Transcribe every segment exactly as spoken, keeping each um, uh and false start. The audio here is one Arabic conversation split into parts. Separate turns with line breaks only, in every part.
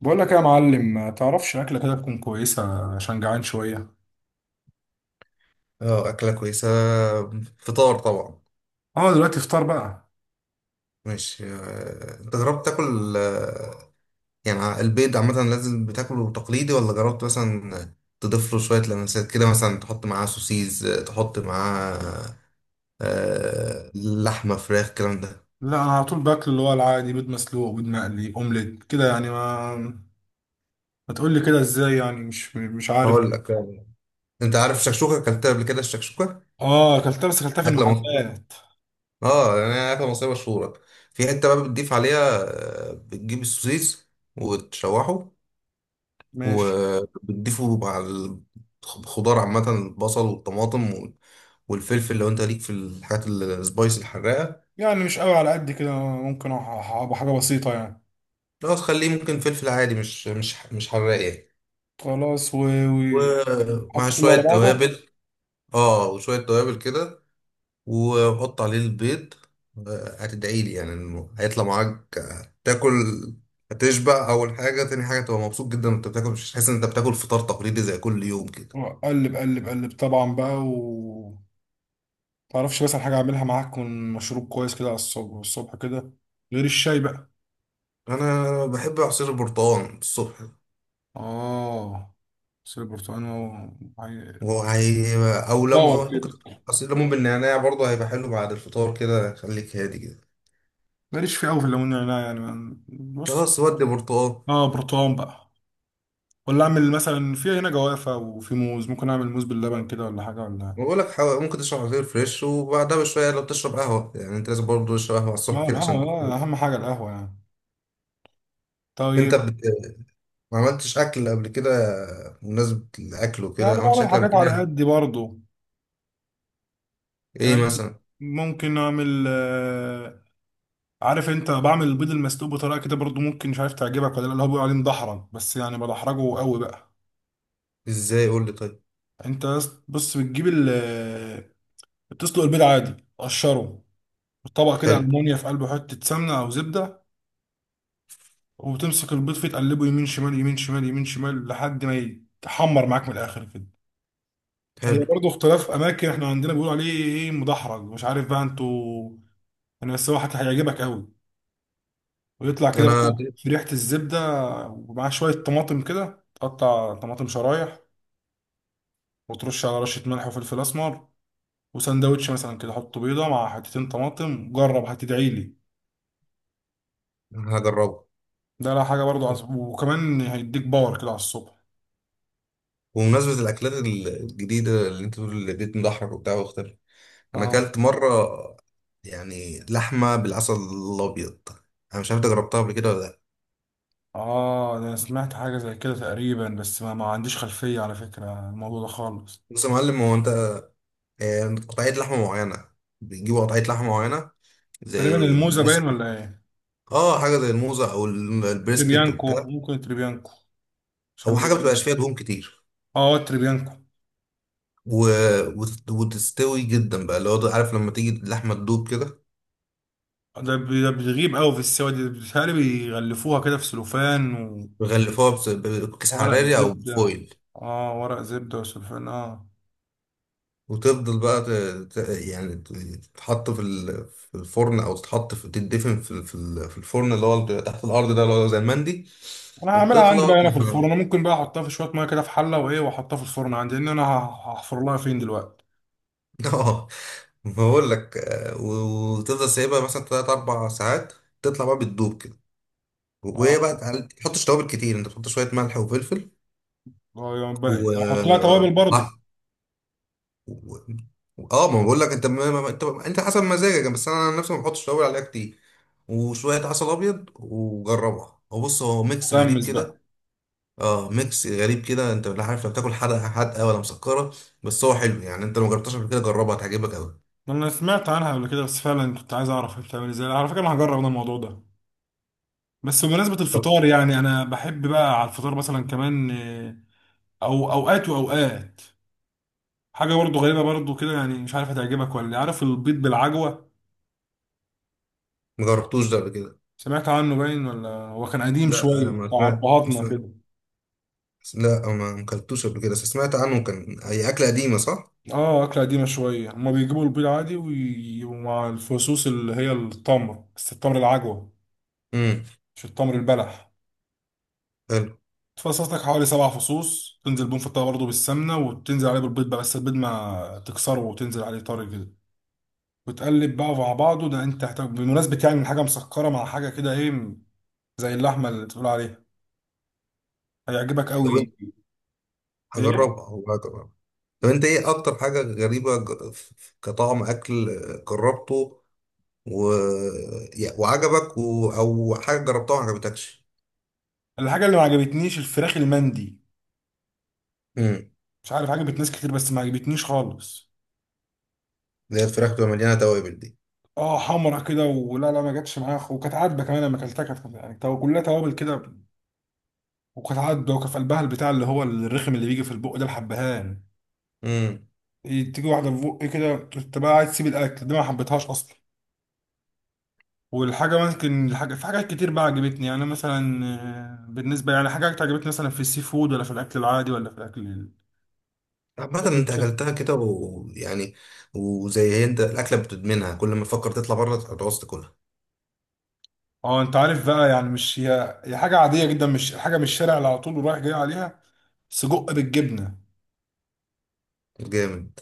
بقول لك يا معلم، ما تعرفش اكله كده تكون كويسه عشان جعان شويه.
اه، أكلة كويسة. فطار طبعا.
اه، دلوقتي فطار بقى.
ماشي، آه، أنت جربت تاكل، آه، يعني ع- البيض عامة لازم بتاكله تقليدي ولا جربت مثلا. تضيف له شوية لمسات كده، مثلا تحط معاه سوسيز، آه، تحط معاه، آه، لحمة فراخ الكلام ده.
لا، انا على طول باكل اللي هو العادي، بيض مسلوق، بيض مقلي، اومليت كده، يعني ما ما تقول لي كده ازاي، يعني مش مش عارف.
هقول لك يعني. أنت عارف الشكشوكة؟ أكلتها قبل كده؟ الشكشوكة
اه، اكلتها بس اكلتها في
أكلة مصرية.
المحلات.
اه، يعني هي أكلة مصرية مشهورة. في حتة بقى بتضيف عليها، آه، بتجيب السوسيس وتشوحه،
ماشي.
وبتضيفه مع الخضار عامة، البصل والطماطم وال- والفلفل، لو انت ليك في الحاجات السبايس الحراقة.
يعني مش قوي على قد كده، ممكن ابقى حاجه بسيطه يعني.
لو تخليه ممكن فلفل عادي مش مش مش حراق يعني.
خلاص و...
ومع
وحط كله
شوية
على بعضه.
توابل. اه، وشوية توابل كده، وحط عليه البيض. آه، هتدعي لي يعني انه هيطلع معاك، آه، تاكل. هتشبع اول حاجة، تاني حاجة تبقى مبسوط جدا وانت بتاكل، مش تحس ان انت بتاكل فطار تقليدي زي كل يوم كده.
وقلب قلب قلب طبعا بقى و تعرفش بس حاجه اعملها معاك من مشروب كويس كده على الصبح، الصبح كده، غير الشاي بقى.
انا بحب عصير البرتقال الصبح.
اه. بس البرتقال هو عي-
وهو هي، او
باور
ليمون ممكن.
كده.
عصير ليمون بالنعناع برضه هيبقى حلو بعد الفطار كده، خليك هادي كده.
ماليش فيه قوي في الليمون والنعناع يعني ما- بص.
خلاص، ودي برتقال.
اه، برتقال بقى. ولا اعمل مثلا، في هنا جوافه وفي موز، ممكن اعمل موز باللبن كده، ولا حاجه ولا.
بقول لك حاول، ممكن تشرب عصير فريش وبعدها بشويه، لو بتشرب قهوه يعني انت لازم برضه تشرب قهوه على الصبح
اه،
كده عشان
القهوه لا،
تفوق.
اهم حاجه القهوه يعني.
انت
طيب.
بت... ما عملتش اكل قبل كده؟ بمناسبه الاكل وكده،
يعني
ما عملتش
بعمل
اكل قبل
حاجات على
كده؟
قدي برضو.
ايه
يعني
مثلا؟
ممكن اعمل، آه، عارف انت، بعمل البيض المسلوق بطريقه كده برضو، ممكن مش عارف تعجبك ولا لا، اللي هو بيقول عليه مدحرج، بس يعني بدحرجه قوي بقى.
ازاي؟ قول لي طيب.
انت بص، بتجيب، بتسلق البيض عادي، تقشره، طبق كده
حلو،
ألمونيا، في قلبه حتة سمنة أو زبدة، وتمسك البيض فيه، تقلبه يمين شمال يمين شمال يمين شمال لحد ما يتحمر معاك من الآخر كده. هي
حلو.
برضه اختلاف أماكن، احنا عندنا بيقولوا عليه إيه، مدحرج، مش عارف بقى أنتوا. أنا بس هو حتى هيعجبك أوي، ويطلع كده
انا
بقى في ريحة الزبدة، ومعاه شوية طماطم كده، تقطع طماطم شرايح، وترش على رشة ملح وفلفل أسمر، وسندوتش مثلا كده، حط بيضة مع حتتين طماطم، جرب هتدعيلي.
هجربه.
ده لا حاجة برضو عصب. وكمان هيديك باور كده على الصبح.
وبمناسبه الاكلات الجديده اللي انت بتقول اللي بيت مضحك وبتاع واختلف، انا
اه.
اكلت مره يعني لحمه بالعسل الابيض. انا مش عارف انت جربتها قبل كده ولا لا.
اه، ده انا سمعت حاجة زي كده تقريبا، بس ما, ما عنديش خلفية على فكرة عن الموضوع ده خالص.
بص يا معلم، هو انت آه، قطعيه لحمه معينه، بتجيب قطعيه لحمه معينه
تقريبا
زي
الموزة باين
البريسكت.
ولا ايه؟
اه، حاجه زي الموزه او ال- البريسكت
تريبيانكو،
وبتاع،
ممكن تريبيانكو،
او
عشان
حاجه بتبقاش
بيكون.
فيها دهون كتير.
اه، تريبيانكو.
و... وت- وتستوي جدا بقى، اللي هو عارف لما تيجي اللحمه تدوب كده.
ده بي- ده بتغيب قوي في السوا دي، بيتهيألي بيغلفوها كده في سلوفان.
بيغلفوها بس- بكيس
وورق
حراري او
زبدة.
بفويل.
اه، ورق زبدة وسلوفان، اه.
وتفضل بقى ت... ت... يعني ت- تتحط في ال... في الفرن، او تتحط في تدفن في ال- في ال- في الفرن اللي هو بيبقى تحت الارض ده، اللي هو زي المندي.
انا هعملها
وبتطلع.
عندي بقى هنا في الفرن، انا ممكن بقى احطها في شوية مية كده في حلة، وايه، واحطها في الفرن عندي، لان انا هحفر لها فين دلوقتي.
اه. بقول لك، آه، و- وتفضل سايبها مثلا تلات اربع ساعات، تطلع بقى بتدوب كده. وهي بقى
اه.
تعال- ما تحطش توابل كتير، انت بتحط شويه ملح وفلفل.
آه، يعني
و
بقى- احط لها توابل برضو.
و- اه، ما بقول لك انت ما ما- ما- انت انت حسب مزاجك، بس انا عن نفسي ما بحطش توابل عليها كتير. وشويه عسل ابيض وجربها، هو بص هو ميكس غريب
غمس بقى.
كده. اه، ميكس غريب كده، انت لا عارف لا بتاكل حادقه حادقه ولا مسكره. بس هو حلو، يعني انت لو ما جربتهاش قبل كده جربها، هتعجبك قوي.
انا سمعت عنها قبل كده، بس فعلا كنت عايز اعرف هي بتعمل ازاي، على فكره انا هجرب انا الموضوع ده. بس بمناسبه
طب،
الفطار، يعني انا بحب بقى على الفطار مثلا كمان، آه، او اوقات واوقات حاجه برضو غريبه برضو كده، يعني مش عارف هتعجبك ولا إيه. عارف البيض بالعجوه؟
ما جربتوش ده قبل كده؟
سمعت عنه باين، ولا هو كان قديم
لا، انا
شويه
ما
بتاع
سمعت. ما
ابهاتنا
سمعت.
كده.
لا، أنا ما ما اكلتوش قبل كده، بس سمعت عنه. كان هي اكله قديمه صح؟
اه، اكله قديمه شويه، هما بيجيبوا البيض عادي وي- ومع الفصوص اللي هي التمر، بس التمر العجوه،
امم.
مش التمر البلح.
حلو.
تفصص لك حوالي سبع فصوص، تنزل بيهم في الطاوة برضه بالسمنة، وتنزل عليه بالبيض بقى، بس البيض ما تكسره وتنزل عليه طري كده، وتقلب بقى مع بعضه. ده انت هتحتاج بمناسبة يعني من حاجة مسكرة مع حاجة كده ايه، زي اللحمة اللي بتقول عليها. هيعجبك
طب
قوي.
انت،
ايه؟
هجربها هو. طب انت ايه اكتر حاجة غريبة ج- ف- ف- كطعم اكل جربته و... يا- وعجبك، و... او حاجة جربتها وما عجبتكش؟
الحاجة اللي ما عجبتنيش الفراخ المندي.
امم.
مش عارف، عجبت ناس كتير بس ما عجبتنيش خالص.
اللي هي الفراخ بتبقى مليانة توابل دي.
اه، حمرا كده ولا لا، ما جاتش معايا، خ- وكانت عادبه كمان، لما اكلتها كانت يعني تو- كلها توابل كده، وكانت عادبه، وكان في قلبها البتاع اللي هو الرخم اللي بيجي في البق ده، الحبهان،
امم.
تيجي واحده في بقي كده، انت بقى عايز تسيب الاكل دي، ما حبيتهاش اصلا. والحاجه ممكن الحاجه في حاجات كتير بقى عجبتني، يعني مثلا، آه، بالنسبه يعني حاجات عجبتني مثلا في السي فود، ولا في الاكل العادي، ولا في الاكل ال-
عامة
أكل
انت
الشارع.
اكلتها كده، ويعني وزي هي، انت الاكلة بتدمنها كل ما تفكر تطلع بره هتعوز تاكلها.
اه انت عارف بقى، يعني مش هي هي حاجه عاديه جدا، مش حاجه من الشارع اللي على طول رايح جاي عليها. سجق بالجبنه.
جامد.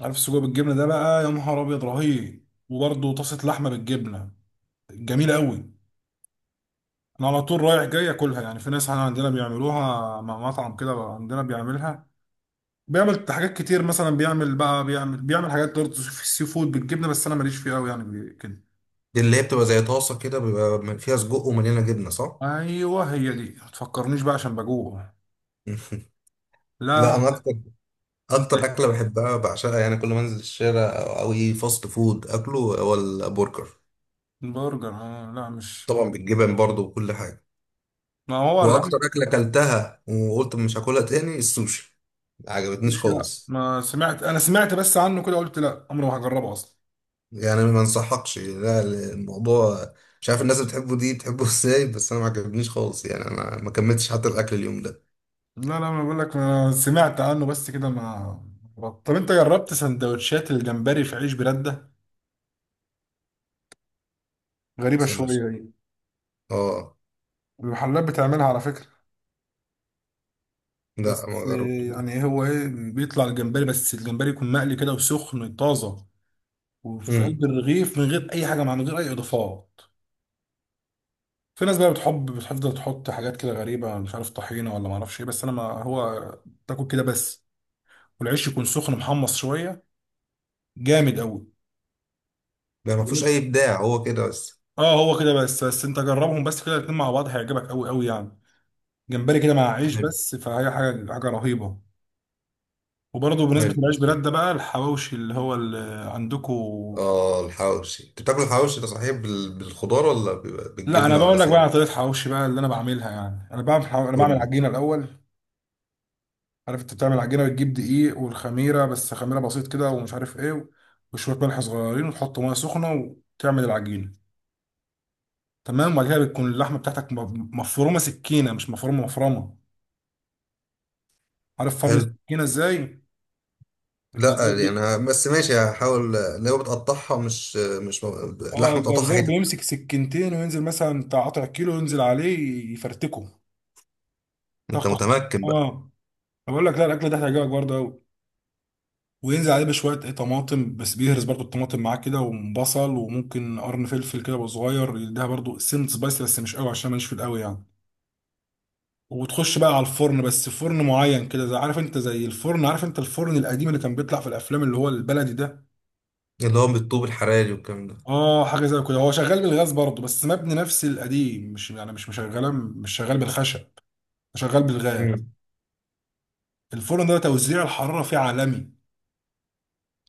عارف السجق بالجبنه ده بقى، يا نهار ابيض رهيب، وبرده طاسه لحمه بالجبنه. جميله قوي. انا على طول رايح جاي اكلها، يعني في ناس عندنا بيعملوها، مع مطعم كده عندنا بيعملها، بيعمل حاجات كتير مثلا، بيعمل بقى بيعمل بيعمل حاجات برضه في السي فود بالجبنه، بس انا ماليش فيها قوي يعني بي- كده.
دي اللي هي بتبقى زي طاسة كده، بيبقى فيها سجق ومليانة جبنة، صح؟
ايوه، هي دي، ما تفكرنيش بقى عشان بجوع.
لا،
لا.
انا اكتر
انت،
اكتر اكله بحبها بعشقها، يعني كل ما انزل الشارع او أو اي فاست فود، اكله هو البرجر.
برجر، آه، لا مش.
طبعا بالجبن برضو وكل حاجة.
ما هو لا.
واكتر اكلة اكلتها وقلت مش هاكلها تاني السوشي، ما عجبتنيش
مش لا،
خالص.
ما سمعت انا سمعت بس عنه كده، قلت لا عمري ما هجربه اصلا.
يعني ما انصحكش، لا. الموضوع مش عارف، الناس بتحبه، دي بتحبه ازاي؟ بس انا ما عجبنيش خالص، يعني انا ما كملتش حتى الاكل اليوم ده.
لا لا، ما بقول لك ما سمعت عنه بس كده ما طب انت جربت سندوتشات الجمبري في عيش بلاد ده؟ غريبه شويه
سندوتش؟
دي.
اه.
المحلات بتعملها على فكره.
لا، ما
بس، آه،
جربتوش.
يعني هو ايه، بيطلع الجمبري، بس الجمبري يكون مقلي كده وسخن طازه، وفي
امم.
قلب الرغيف من غير اي حاجه، مع من غير اي اضافات. في ناس بقى بتحب بتفضل تحط حاجات كده غريبه، مش عارف طحينه ولا ما اعرفش ايه، بس انا، ما هو تاكل كده بس، والعيش يكون سخن محمص شويه، جامد قوي.
ده ما فيهوش اي ابداع، هو كده بس.
اه هو كده بس بس انت جربهم بس كده الاتنين مع بعض، هيعجبك قوي قوي يعني. جمبري كده مع عيش
حلو،
بس، فهي حاجه حاجه رهيبه. وبرضه بالنسبه
حلو.
للعيش بلاد ده بقى، الحواوشي اللي هو اللي عندكم.
اه، الحواوشي، انت بتاكل الحواوشي ده صحيح بال- بالخضار، ولا بيبقى
لا انا
بالجبنه، ولا
بقول لك بقى على
سادة؟
طريقه حواوشي بقى اللي انا بعملها، يعني انا بعمل حو... انا
قول
بعمل
لي.
عجينه الاول. عارف انت بتعمل عجينه، بتجيب دقيق والخميره، بس خميره بسيط كده ومش عارف ايه، وشويه ملح صغيرين، وتحط ميه سخنه، وتعمل العجينه. تمام. وبعد كده بتكون اللحمه بتاعتك م- مفرومه سكينه، مش مفرومه، مفرمه. عارف فرم
حلو.
السكينه ازاي؟ الجزار
لا يعني
بي...
ه- بس ماشي هحاول، اللي هو بتقطعها مش مش م-
اه
لحم بتقطعها
الجزار
حتت.
بيمسك سكينتين، وينزل مثلا بتاع قطع كيلو، ينزل عليه، يفرتكه، تخ
انت
تخ تخ.
متمكن بقى.
اه. بقول لك، لا الاكل ده هيعجبك برضه قوي. وينزل عليه بشويه ايه طماطم، بس بيهرس برضو الطماطم معاه كده، وبصل، وممكن قرن فلفل كده يبقى صغير، يديها برضو سنة سبايس، بس مش قوي عشان ماليش في القوي يعني. وتخش بقى على الفرن، بس فرن معين كده زي، عارف انت، زي الفرن، عارف انت الفرن القديم اللي كان بيطلع في الافلام، اللي هو البلدي ده.
اللي هو بالطوب الحراري والكلام ده.
اه، حاجه زي كده، هو شغال بالغاز برضو، بس مبني نفس القديم، مش يعني مش مشغله مش شغال بالخشب. شغال بالغاز.
مم.
الفرن ده توزيع الحراره فيه عالمي.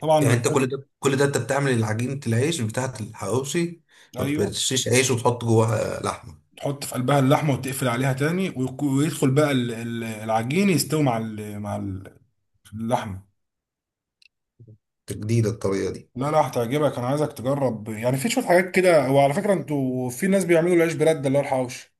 طبعا
يعني انت
بتحط.
كل ده كل ده انت بتعمل عجينة العيش بتاعة الحواوشي؟ ما
ايوه.
بتشيش عيش وتحط جواها لحمة؟
تحط في قلبها اللحمه، وتقفل عليها تاني، ويك- ويدخل بقى ال- ال- العجين، يستوي مع ال- مع ال- اللحمه.
جديدة الطريقة دي.
لا لا، هتعجبك، انا عايزك تجرب، يعني في شويه حاجات كده، وعلى فكره انتوا في ناس بيعملوا العيش برده اللي هو الحوش،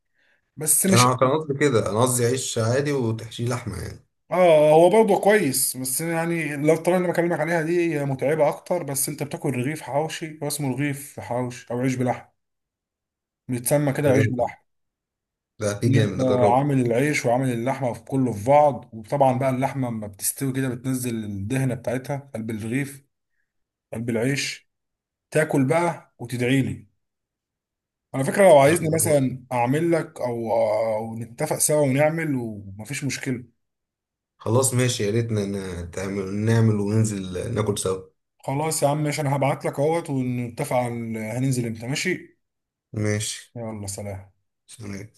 بس مش.
انا كان قصدي كده، انا قصدي عيش عادي وتحشيه لحمة يعني.
اه هو برضه كويس، بس يعني لو الطريقه اللي بكلمك عليها دي هي متعبه اكتر، بس انت بتاكل رغيف حوشي، هو اسمه رغيف حوشي او عيش بلحم، بيتسمى كده
ده
عيش
جامد.
بلحم.
ده في
ان انت
جامد، اجربه.
عامل العيش وعامل اللحمه، في كله في بعض، وطبعا بقى اللحمه لما بتستوي كده، بتنزل الدهنه بتاعتها قلب الرغيف، قلب العيش. تاكل بقى وتدعي لي. على فكره لو عايزني
اجربه.
مثلا اعمل لك، او او نتفق سوا ونعمل، ومفيش مشكله.
خلاص ماشي، يا ريتنا ن- ن- تعمل- نعمل وننزل ناكل سوا.
خلاص يا عم ماشي، انا هبعت لك اهوت ونتفق على هننزل امتى. ماشي.
ماشي.
يلا سلام.
سلام.